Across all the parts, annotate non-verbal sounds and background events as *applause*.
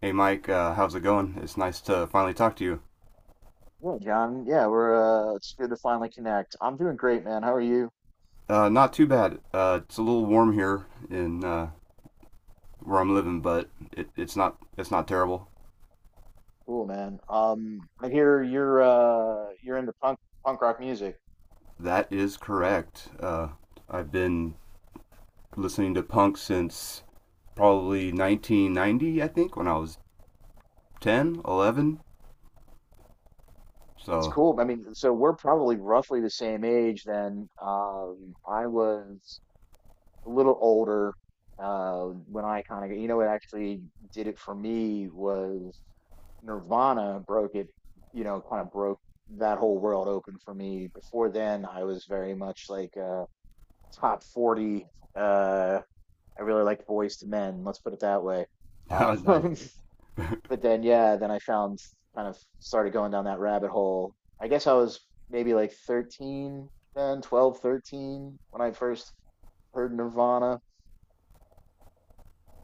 Hey Mike, how's it going? It's nice to finally talk to you. Yeah, John. Yeah, we're it's good to finally connect. I'm doing great, man. How are you? Not too bad. It's a little warm here in where I'm living, but it's not it's not terrible. Cool, man. I hear you're into punk rock music. That is correct. I've been listening to punk since probably 1990, I think, when I was 10, 11. It's So cool. I mean, so we're probably roughly the same age then. I was a little older when I kind of you know what actually did it for me was Nirvana broke it, you know, kind of broke that whole world open for me. Before then, I was very much like a top 40. uh I really liked boys to men. Let's put it that way. *laughs* nice, Um, *laughs* but then, yeah, then I found kind of started going down that rabbit hole. I guess I was maybe like 13, then 12, 13, when I first heard Nirvana.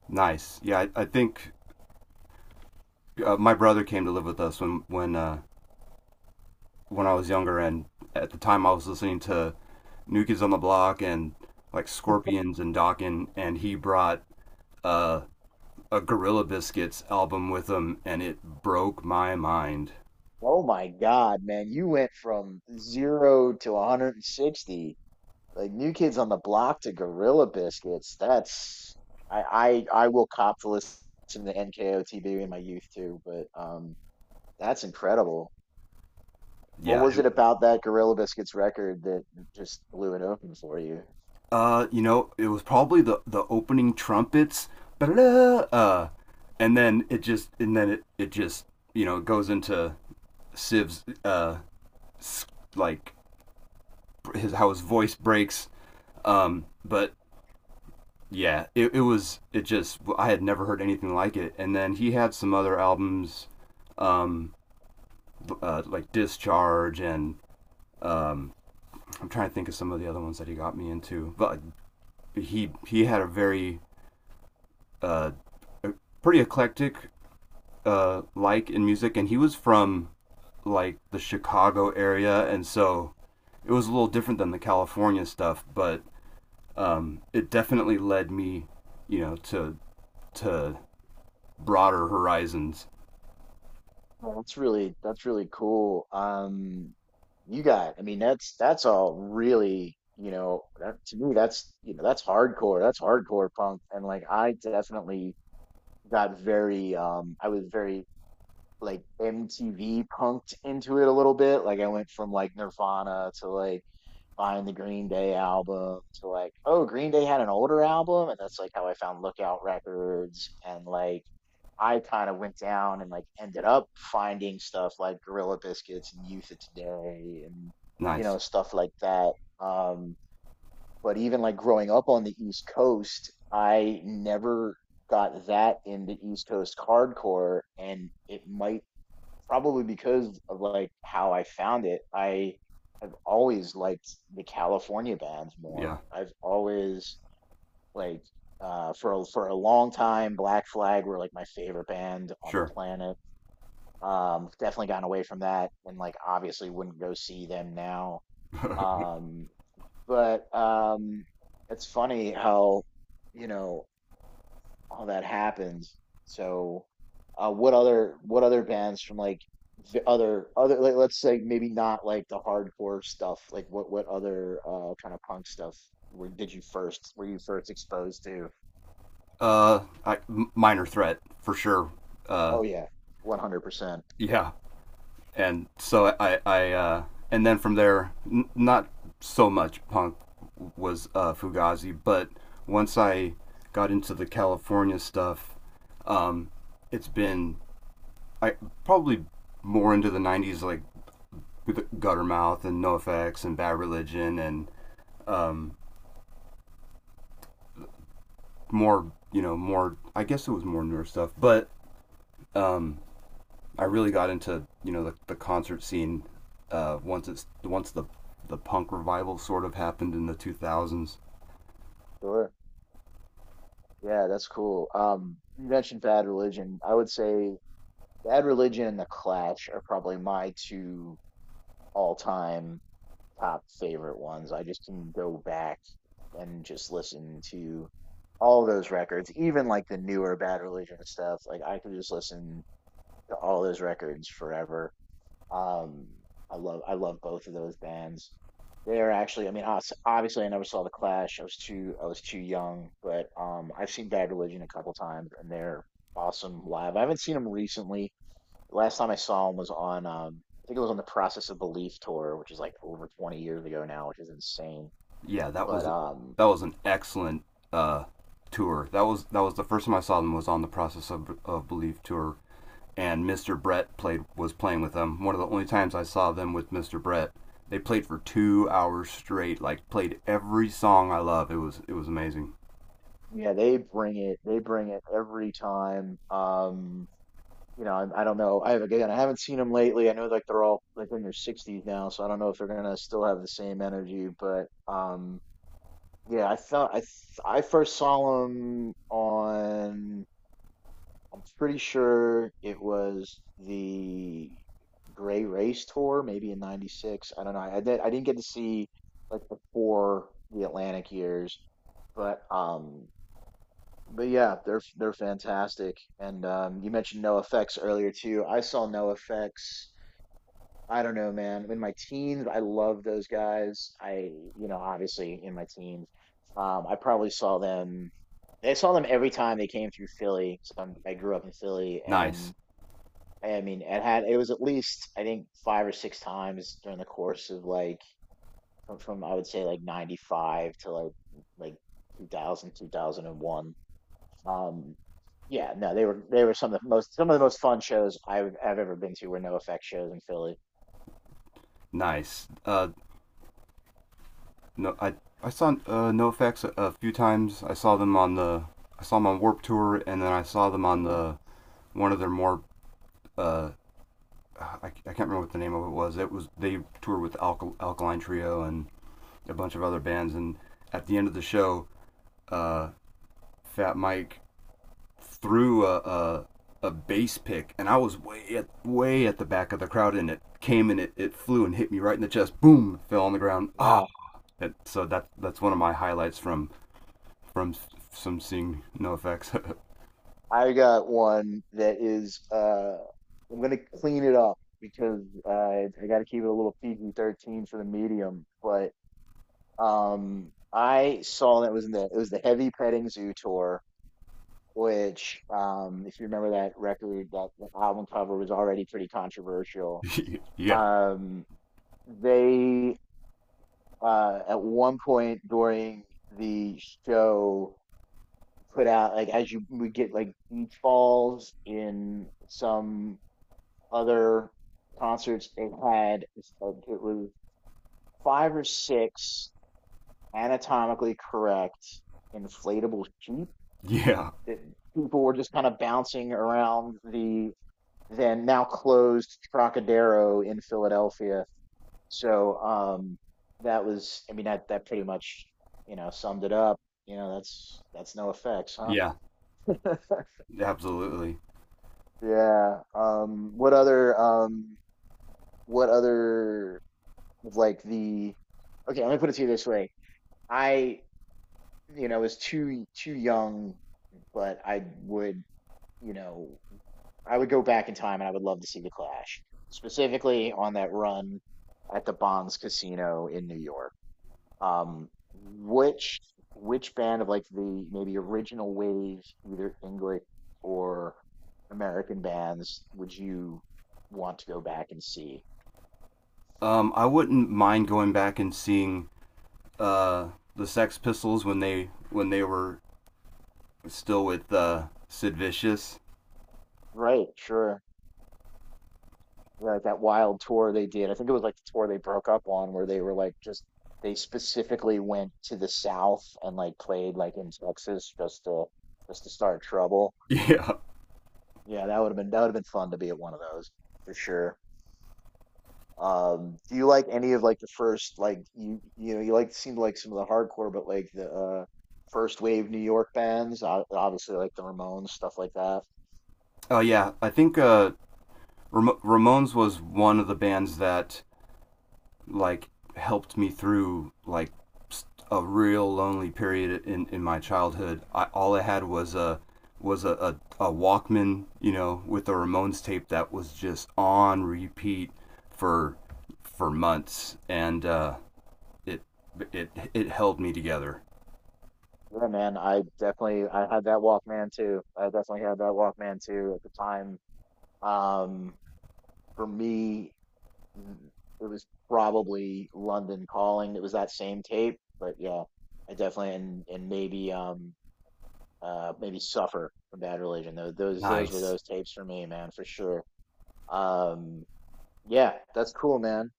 nice. Yeah, I think my brother came to live with us when I was younger, and at the time I was listening to New Kids on the Block and like Scorpions and Dokken, and he brought uh, a Gorilla Biscuits album with him, and it broke my mind. Oh my God, man, you went from zero to 160. Like New Kids on the Block to Gorilla Biscuits. That's I will cop to listen to NKOTB in my youth too, but that's incredible. What Yeah, was it about that Gorilla Biscuits record that just blew it open for you? You know, it was probably the opening trumpets, uh, and then it just and then it just you know goes into Siv's like his how his voice breaks. But yeah, it was it just I had never heard anything like it. And then he had some other albums, um, like Discharge, and I'm trying to think of some of the other ones that he got me into. But he had a very uh, a pretty eclectic like in music, and he was from like the Chicago area, and so it was a little different than the California stuff. But it definitely led me, you know, to broader horizons. Well, that's really cool. I mean, that's all really, that to me that's you know that's hardcore. That's hardcore punk. And like I definitely got very, I was very like MTV punked into it a little bit. Like I went from like Nirvana to like find the Green Day album to like, oh, Green Day had an older album, and that's like how I found Lookout Records, and like I kind of went down and like ended up finding stuff like Gorilla Biscuits and Youth of Today, and Nice, stuff like that. Um, but even like growing up on the East Coast, I never got that into East Coast hardcore, and it might probably because of like how I found it, I have always liked the California bands more. yeah. I've always like for a long time Black Flag were like my favorite band on the Sure. planet. Definitely gotten away from that and like obviously wouldn't go see them now. *laughs* Um but it's funny how you know all that happens. So, what other bands from like the other like let's say maybe not like the hardcore stuff. Like what other kind of punk stuff were did you first were you first exposed to? uh, I, minor threat for sure. Uh, Oh yeah, 100% yeah, and so and then from there, not so much punk was Fugazi, but once I got into the California stuff, um, it's been I probably more into the '90s, like with Guttermouth and NoFX and Bad Religion, and more, you know, more. I guess it was more newer stuff, but um, I really got into you know the concert scene once it's once the punk revival sort of happened in the 2000s. sure. Yeah, that's cool. You mentioned Bad Religion. I would say Bad Religion and The Clash are probably my two all time top favorite ones. I just can go back and just listen to all those records, even like the newer Bad Religion stuff. Like I could just listen to all those records forever. Um, I love both of those bands. They're actually, I mean, obviously, I never saw The Clash. I was too young, but I've seen Bad Religion a couple times, and they're awesome live. I haven't seen them recently. Last time I saw him was I think it was on the Process of Belief tour, which is like over 20 years ago now, which is insane. Yeah, But that was an excellent uh, tour. That was the first time I saw them was on the Process of Belief tour, and Mr. Brett played was playing with them. One of the only times I saw them with Mr. Brett. They played for 2 hours straight. Like played every song I love. It was amazing. yeah, they bring it. They bring it every time. I don't know. I Again, I haven't seen them lately. I know like they're all like in their 60s now, so I don't know if they're gonna still have the same energy. But yeah, I first saw them on. I'm pretty sure it was the Gray Race Tour, maybe in '96. I don't know. I did. I didn't get to see like before the Atlantic years, but yeah, they're fantastic. And you mentioned No Effects earlier too. I saw No Effects. I don't know, man. In my teens, I loved those guys. Obviously in my teens, I probably saw them. I saw them every time they came through Philly. So I grew up in Philly, Nice, and I mean, it was at least I think five or six times during the course of like from I would say like 95 to like 2001. Um yeah, no, they were some of the most fun shows I've ever been to were no effect shows in Philly. nice. No, I saw NoFX a few times. I saw them on the I saw them on Warp Tour, and then I saw them on Hmm. the one of their more I can't remember what the name of it was. It was they toured with Alkaline Trio and a bunch of other bands, and at the end of the show, Fat Mike threw a bass pick, and I was way at the back of the crowd, and it came and it flew and hit me right in the chest. Boom, fell on the ground. Ah, Wow. so that's one of my highlights from from some seeing no effects. I got one that is I'm gonna clean it up because I got to keep it a little PG-13 for the medium, but I saw that was in the it was the Heavy Petting Zoo tour, which if you remember that record, that album cover was already pretty controversial. *laughs* yeah, Um, they at one point during the show put out like as you would get like beach balls in some other concerts they had it's like, it was five or six anatomically correct inflatable sheep yeah, that people were just kind of bouncing around the then now closed Trocadero in Philadelphia. So that was, I mean, that pretty much, summed it up. You know, that's no effects, huh? yeah, *laughs* absolutely. Yeah. What other like the okay, let me put it to you this way. I was too young, but you know, I would go back in time and I would love to see the Clash, specifically on that run at the Bonds Casino in New York. Um, which which band of like the maybe original wave, either English or American bands, would you want to go back and see? I wouldn't mind going back and seeing uh the Sex Pistols when they were still with Sid Vicious. *laughs* Right, sure. Yeah, like that wild tour they did. I think it was like the tour they broke up on, where they were like just they specifically went to the South and like played like in Texas just to start trouble. Yeah. Yeah, that would have been fun to be at one of those for sure. Do you like any of like the first you know, you like seem to like some of the hardcore but like the first wave New York bands, obviously like the Ramones, stuff like that. Oh yeah, I think Ramones was one of the bands that like helped me through like a real lonely period in my childhood. I, all I had was was a, a, a Walkman, you know, with a Ramones tape that was just on repeat for months, and uh, it it held me together. Yeah, man, I had that Walkman too. I definitely had that Walkman too at the time. Um, for me, mm, it was probably London Calling. It was that same tape, but yeah, I definitely and maybe suffer from Bad Religion. Those were Nice. those tapes for me, man, for sure. Um, yeah, that's cool, man.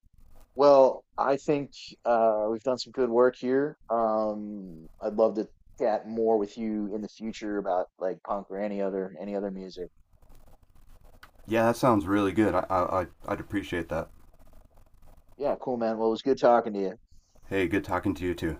Well, I think we've done some good work here. I'd love to chat more with you in the future about like punk or any other music. Yeah, that sounds really good. I'd appreciate that. Yeah, cool, man. Well, it was good talking to you. Hey, good talking to you too.